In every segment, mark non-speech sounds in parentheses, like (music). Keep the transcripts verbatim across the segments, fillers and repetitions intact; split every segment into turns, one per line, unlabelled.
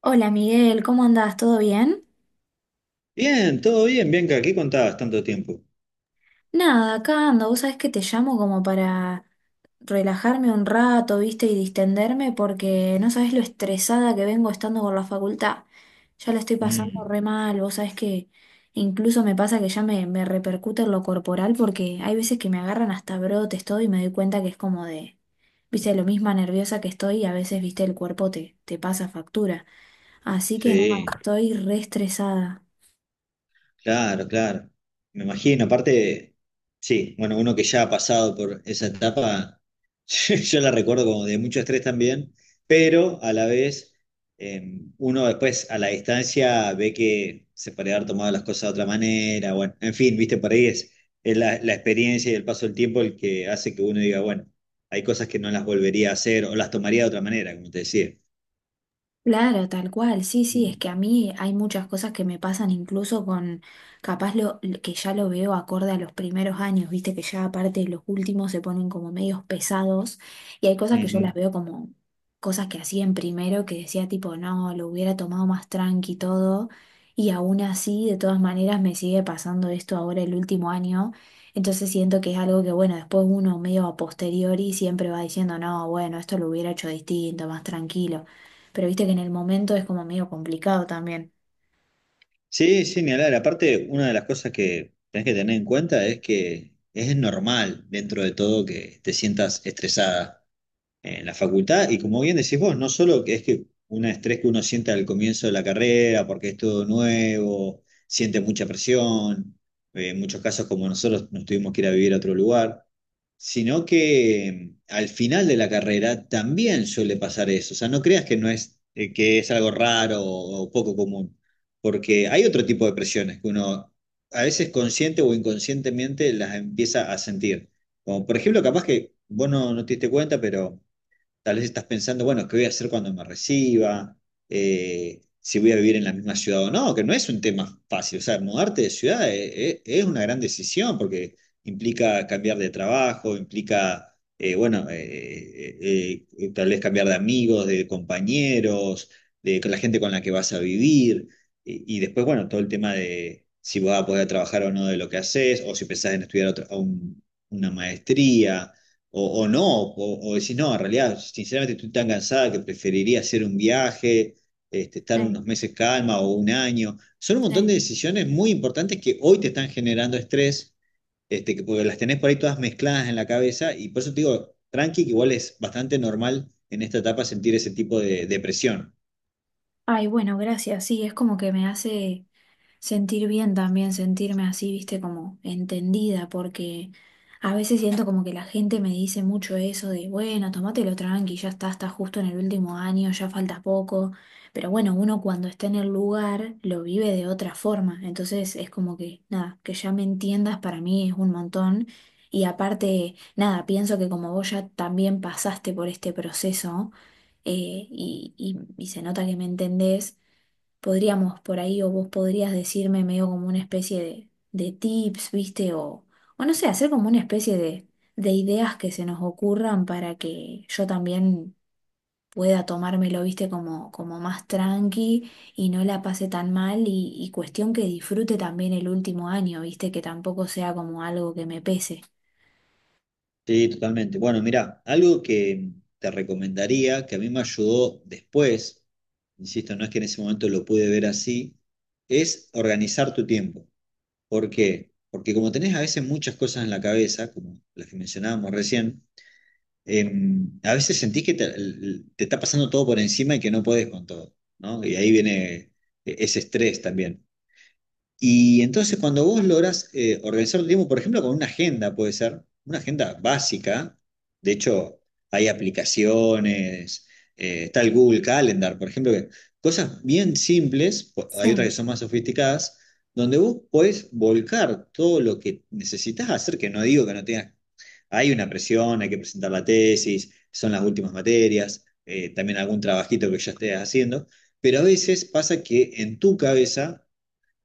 Hola Miguel, ¿cómo andás? ¿Todo bien?
Bien, todo bien, Bianca, ¿qué contabas tanto tiempo?
Nada, acá ando. Vos sabés que te llamo como para relajarme un rato, ¿viste? Y distenderme porque no sabés lo estresada que vengo estando con la facultad. Ya la estoy pasando
Mm,
re mal. Vos sabés que incluso me pasa que ya me, me repercute en lo corporal porque hay veces que me agarran hasta brotes todo y me doy cuenta que es como de, viste, lo misma nerviosa que estoy y a veces, viste, el cuerpo te, te pasa factura. Así que no,
sí,
estoy re estresada.
claro, claro. Me imagino, aparte, sí, bueno, uno que ya ha pasado por esa etapa, (laughs) yo yo la recuerdo como de mucho estrés también, pero a la vez eh, uno después a la distancia ve que se puede haber tomado las cosas de otra manera, bueno, en fin, viste, por ahí es, es la, la experiencia y el paso del tiempo el que hace que uno diga, bueno, hay cosas que no las volvería a hacer o las tomaría de otra manera, como te decía.
Claro, tal cual, sí, sí, es
Mm.
que a mí hay muchas cosas que me pasan incluso con, capaz lo, que ya lo veo acorde a los primeros años, viste que ya aparte los últimos se ponen como medios pesados y hay cosas que yo
Ujú.
las veo como cosas que hacía en primero que decía tipo, no, lo hubiera tomado más tranqui y todo y aún así, de todas maneras, me sigue pasando esto ahora el último año, entonces siento que es algo que, bueno, después uno medio a posteriori siempre va diciendo, no, bueno, esto lo hubiera hecho distinto, más tranquilo pero viste que en el momento es como medio complicado también.
Sí, sí, ni hablar. Aparte, una de las cosas que tenés que tener en cuenta es que es normal dentro de todo que te sientas estresada en la facultad. Y como bien decís vos, no solo que es que un estrés que uno siente al comienzo de la carrera, porque es todo nuevo, siente mucha presión, eh, en muchos casos como nosotros nos tuvimos que ir a vivir a otro lugar, sino que mm, al final de la carrera también suele pasar eso. O sea, no creas que no es, eh, que es algo raro o poco común, porque hay otro tipo de presiones que uno a veces consciente o inconscientemente las empieza a sentir. Como por ejemplo, capaz que vos no, no te diste cuenta, pero tal vez estás pensando, bueno, ¿qué voy a hacer cuando me reciba? Eh, si voy a vivir en la misma ciudad o no, que no es un tema fácil. O sea, mudarte de ciudad eh, eh, es una gran decisión porque implica cambiar de trabajo, implica, eh, bueno, eh, eh, eh, eh, tal vez cambiar de amigos, de compañeros, de con la gente con la que vas a vivir. Y, y después, bueno, todo el tema de si vas a poder trabajar o no de lo que haces, o si pensás en estudiar otra- un- una maestría o, o no, o, o decís, no, en realidad, sinceramente estoy tan cansada que preferiría hacer un viaje, este, estar
Sí,
unos meses calma o un año. Son un montón de
sí.
decisiones muy importantes que hoy te están generando estrés, este, que, porque las tenés por ahí todas mezcladas en la cabeza, y por eso te digo, tranqui, que igual es bastante normal en esta etapa sentir ese tipo de depresión.
Ay, bueno, gracias. Sí, es como que me hace sentir bien también, sentirme así, viste, como entendida, porque a veces siento como que la gente me dice mucho eso de, bueno, tomátelo tranqui, ya está, está justo en el último año, ya falta poco, pero bueno, uno cuando está en el lugar lo vive de otra forma, entonces es como que, nada, que ya me entiendas para mí es un montón. Y aparte, nada, pienso que como vos ya también pasaste por este proceso, eh, y, y y se nota que me entendés, podríamos por ahí, o vos podrías decirme medio como una especie de, de tips, ¿viste? O, o no sé, hacer como una especie de, de ideas que se nos ocurran para que yo también pueda tomármelo, ¿viste? Como, como más tranqui y no la pase tan mal y, y cuestión que disfrute también el último año, ¿viste? Que tampoco sea como algo que me pese.
Sí, totalmente. Bueno, mira, algo que te recomendaría, que a mí me ayudó después, insisto, no es que en ese momento lo pude ver así, es organizar tu tiempo. ¿Por qué? Porque como tenés a veces muchas cosas en la cabeza, como las que mencionábamos recién, em, a veces sentís que te, el- te está pasando todo por encima y que no podés con todo, ¿no? Y ahí viene e-, ese estrés también. Y entonces cuando vos logras eh, organizar tu tiempo, por ejemplo, con una agenda, puede ser una agenda básica, de hecho hay aplicaciones, eh, está el Google Calendar, por ejemplo, que cosas bien simples, po- hay otras que
Sí,
son más sofisticadas, donde vos podés volcar todo lo que necesitas hacer, que no digo que no tengas, hay una presión, hay que presentar la tesis, son las últimas materias, eh, también algún trabajito que ya estés haciendo, pero a veces pasa que en tu cabeza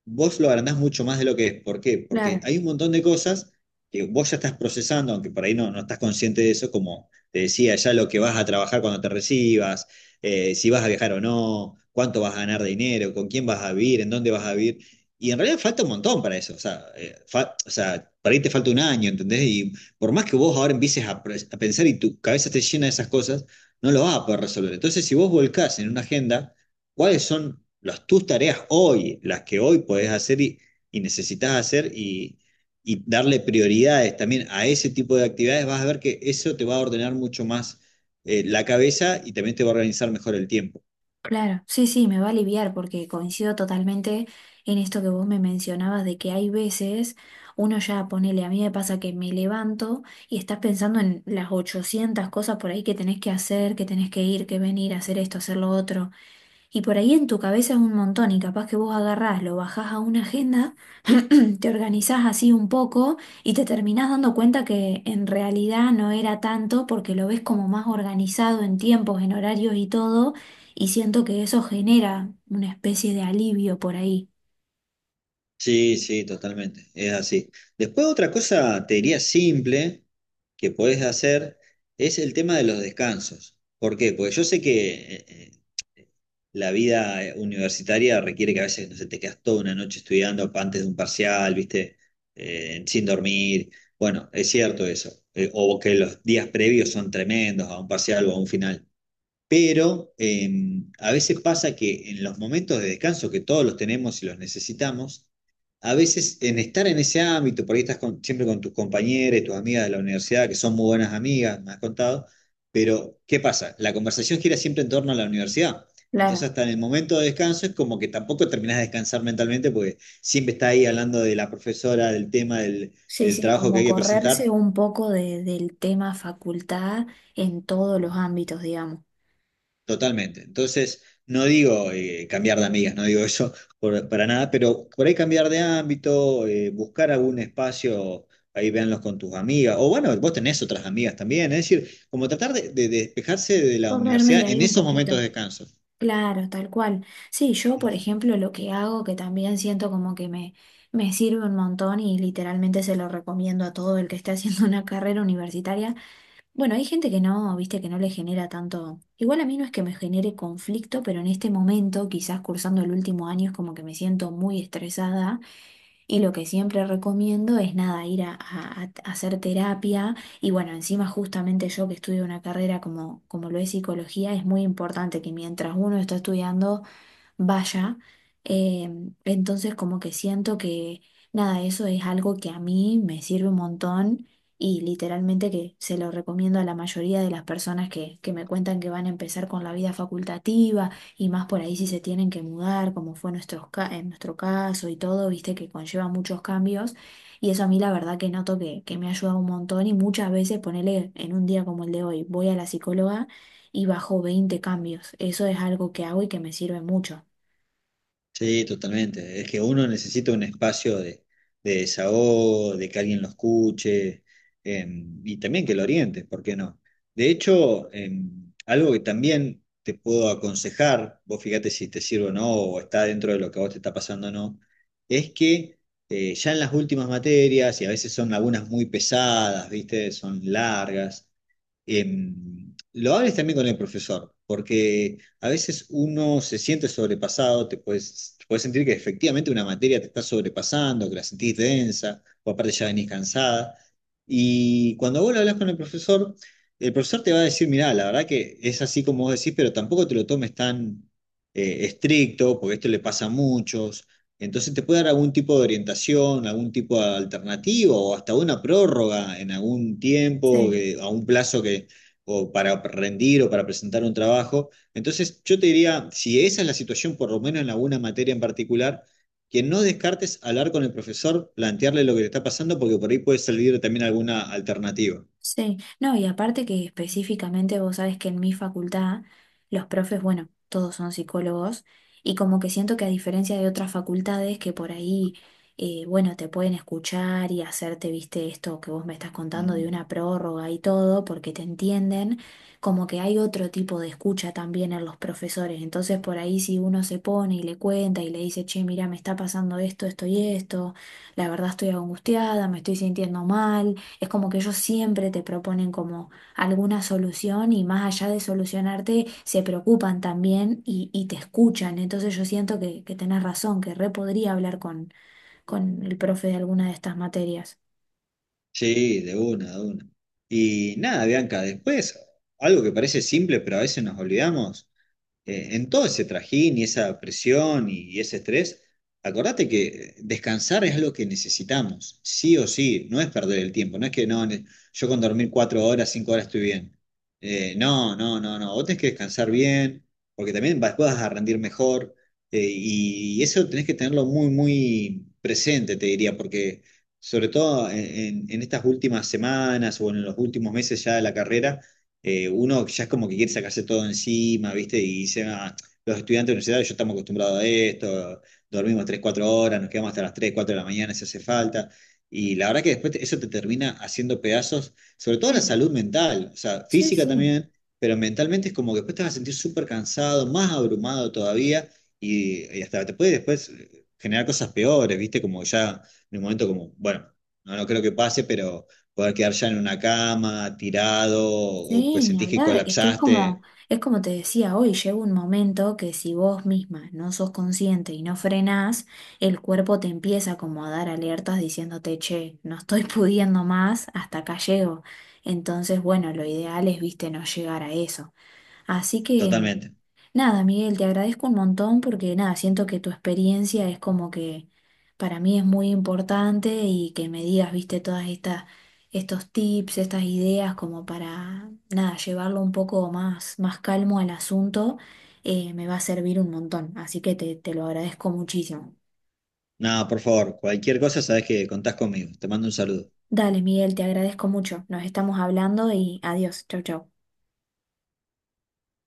vos lo agrandás mucho más de lo que es. ¿Por qué? Porque
claro.
hay un montón de cosas que vos ya estás procesando, aunque por ahí no, no estás consciente de eso, como te decía, ya lo que vas a trabajar cuando te recibas, eh, si vas a viajar o no, cuánto vas a ganar de dinero, con quién vas a vivir, en dónde vas a vivir. Y en realidad falta un montón para eso. O sea, eh, fa- o sea, para ahí te falta un año, ¿entendés? Y por más que vos ahora empieces a, pre- a pensar y tu cabeza esté llena de esas cosas, no lo vas a poder resolver. Entonces, si vos volcás en una agenda ¿cuáles son las, tus tareas hoy, las que hoy podés hacer y, y necesitas hacer y, y darle prioridades también a ese tipo de actividades? Vas a ver que eso te va a ordenar mucho más eh, la cabeza y también te va a organizar mejor el tiempo.
Claro, sí, sí, me va a aliviar porque coincido totalmente en esto que vos me mencionabas de que hay veces uno ya ponele, a mí me pasa que me levanto y estás pensando en las ochocientas cosas por ahí que tenés que hacer, que tenés que ir, que venir, hacer esto, hacer lo otro. Y por ahí en tu cabeza es un montón y capaz que vos agarrás, lo bajás a una agenda. (clears throat) Te organizás así un poco y te terminás dando cuenta que en realidad no era tanto porque lo ves como más organizado en tiempos, en horarios y todo, y siento que eso genera una especie de alivio por ahí.
Sí, sí, totalmente, es así. Después otra cosa, te diría simple, que podés hacer, es el tema de los descansos. ¿Por qué? Porque yo sé que eh, eh, la vida eh, universitaria requiere que a veces, no sé, te quedas toda una noche estudiando antes de un parcial, ¿viste? Eh, sin dormir. Bueno, es cierto eso. Eh, o que los días previos son tremendos a un parcial o a un final. Pero eh, a veces pasa que en los momentos de descanso, que todos los tenemos y los necesitamos, a veces en estar en ese ámbito, por ahí estás con- siempre con tus compañeras, tus amigas de la universidad, que son muy buenas amigas, me has contado, pero ¿qué pasa? La conversación gira siempre en torno a la universidad.
Claro,
Entonces hasta en el momento de descanso es como que tampoco terminás de descansar mentalmente porque siempre está ahí hablando de la profesora, del tema, del,
sí,
del
sí,
trabajo que
como
hay que
correrse
presentar.
un poco de- del tema facultad en todos los ámbitos, digamos.
Totalmente. Entonces, no digo eh, cambiar de amigas, no digo eso por- para nada, pero por ahí cambiar de ámbito, eh, buscar algún espacio, ahí véanlos con tus amigas, o bueno, vos tenés otras amigas también, es decir, como tratar de, de despejarse de la
Correrme de
universidad
ahí
en
un
esos momentos
poquito.
de descanso.
Claro, tal cual. Sí, yo, por ejemplo, lo que hago, que también siento como que me, me sirve un montón y literalmente se lo recomiendo a todo el que esté haciendo (laughs) una carrera universitaria. Bueno, hay gente que no, viste, que no le genera tanto. Igual a mí no es que me genere conflicto, pero en este momento, quizás cursando el último año, es como que me siento muy estresada y lo que siempre recomiendo es nada, ir a, a- a hacer terapia. Y bueno, encima justamente yo que estudio una carrera como, como lo es psicología, es muy importante que mientras uno está estudiando vaya. Em, entonces como que siento que nada, eso es algo que a mí me sirve un montón y literalmente que se lo recomiendo a la mayoría de las personas que, que me cuentan que van a empezar con la vida facultativa y más por ahí si se tienen que mudar, como fue nuestro, en nuestro caso y todo, viste que conlleva muchos cambios. Y eso a mí la verdad que noto que, que me ha ayudado un montón y muchas veces ponerle en un día como el de hoy, voy a la psicóloga y bajo veinte cambios. Eso es algo que hago y que me sirve mucho.
Sí, totalmente. Es que uno necesita un espacio de, de desahogo, de que alguien lo escuche em, y también que lo oriente, ¿por qué no? De hecho, em, algo que también te puedo aconsejar, vos fíjate si te sirve o no, o está dentro de lo que a vos te está pasando o no, es que eh, ya en las últimas materias, y a veces son algunas muy pesadas, ¿viste? Son largas, em, lo hables también con el profesor, porque a veces uno se siente sobrepasado, te puedes, te puedes sentir que efectivamente una materia te está sobrepasando, que la sentís densa, o aparte ya venís cansada. Y cuando vos lo hablas con el profesor, el profesor te va a decir, mirá, la verdad que es así como vos decís, pero tampoco te lo tomes tan eh, estricto, porque esto le pasa a muchos, entonces te puede dar algún tipo de orientación, algún tipo de alternativa o hasta una prórroga en algún tiempo,
Sí,
eh, a un plazo que, o para rendir o para presentar un trabajo. Entonces yo te diría, si esa es la situación, por lo menos en alguna materia en particular, que no descartes hablar con el profesor, plantearle lo que te está pasando, porque por ahí puede salir también alguna alternativa.
sí. No, y aparte que específicamente vos sabés que en mi facultad los profes, bueno, todos son psicólogos y como que siento que a diferencia de otras facultades que por ahí, eh, bueno, te pueden escuchar y hacerte, viste, esto que vos me estás contando de
Mm.
una prórroga y todo, porque te entienden, como que hay otro tipo de escucha también en los profesores. Entonces por ahí si uno se pone y le cuenta y le dice, che, mira, me está pasando esto, esto y esto, la verdad estoy angustiada, me estoy sintiendo mal. Es como que ellos siempre te proponen como alguna solución y más allá de solucionarte, se preocupan también y, y te escuchan. Entonces yo siento que, que tenés razón, que re podría hablar con, con el profe de alguna de estas materias.
Sí, de una, de una. Y nada, Bianca, después, algo que parece simple, pero a veces nos olvidamos, eh, en todo ese trajín y esa presión y y ese estrés, acordate que descansar es lo que necesitamos, sí o sí, no es perder el tiempo, no es que no, ne- yo con dormir cuatro horas, cinco horas estoy bien. Eh, no, no, no, no, vos tenés que descansar bien, porque también vas, vas a rendir mejor, eh, y y eso tenés que tenerlo muy, muy presente, te diría, porque... Sobre todo en en- en estas últimas semanas o en los últimos meses ya de la carrera, eh, uno ya es como que quiere sacarse todo encima, ¿viste? Y dice, "Ah, los estudiantes universitarios yo estamos acostumbrados a esto, dormimos tres cuatro horas, nos quedamos hasta las tres cuatro de la mañana si hace falta". Y la verdad que después te- eso te termina haciendo pedazos, sobre todo la
Sí,
salud mental, o sea,
sí,
física
sí.
también, pero mentalmente es como que después te vas a sentir súper cansado, más abrumado todavía, y, y hasta te puede después eh, generar cosas peores, ¿viste? Como ya en un momento como, bueno, no, no creo que pase, pero poder quedar ya en una cama, tirado, o que
Sí, ni
sentís que
hablar, es que es como,
colapsaste,
es como te decía hoy, llega un momento que si vos misma no sos consciente y no frenás, el cuerpo te empieza como a dar alertas diciéndote, che, no estoy (laughs) pudiendo más, hasta acá llego. Entonces, bueno, lo ideal es, viste, no llegar a eso. Así que,
totalmente.
nada, Miguel, te agradezco un montón porque, nada, siento que tu experiencia es como que para mí es muy importante y que me digas, viste, todas estas, estos tips, estas ideas como para, nada, llevarlo un poco más, más calmo al asunto, eh, me va a servir un montón. Así que te, te lo agradezco muchísimo.
Nada, por favor, cualquier cosa sabés que contás conmigo. Te mando un saludo.
Dale, Miguel, te agradezco mucho. Nos estamos hablando y adiós. Chau, chau.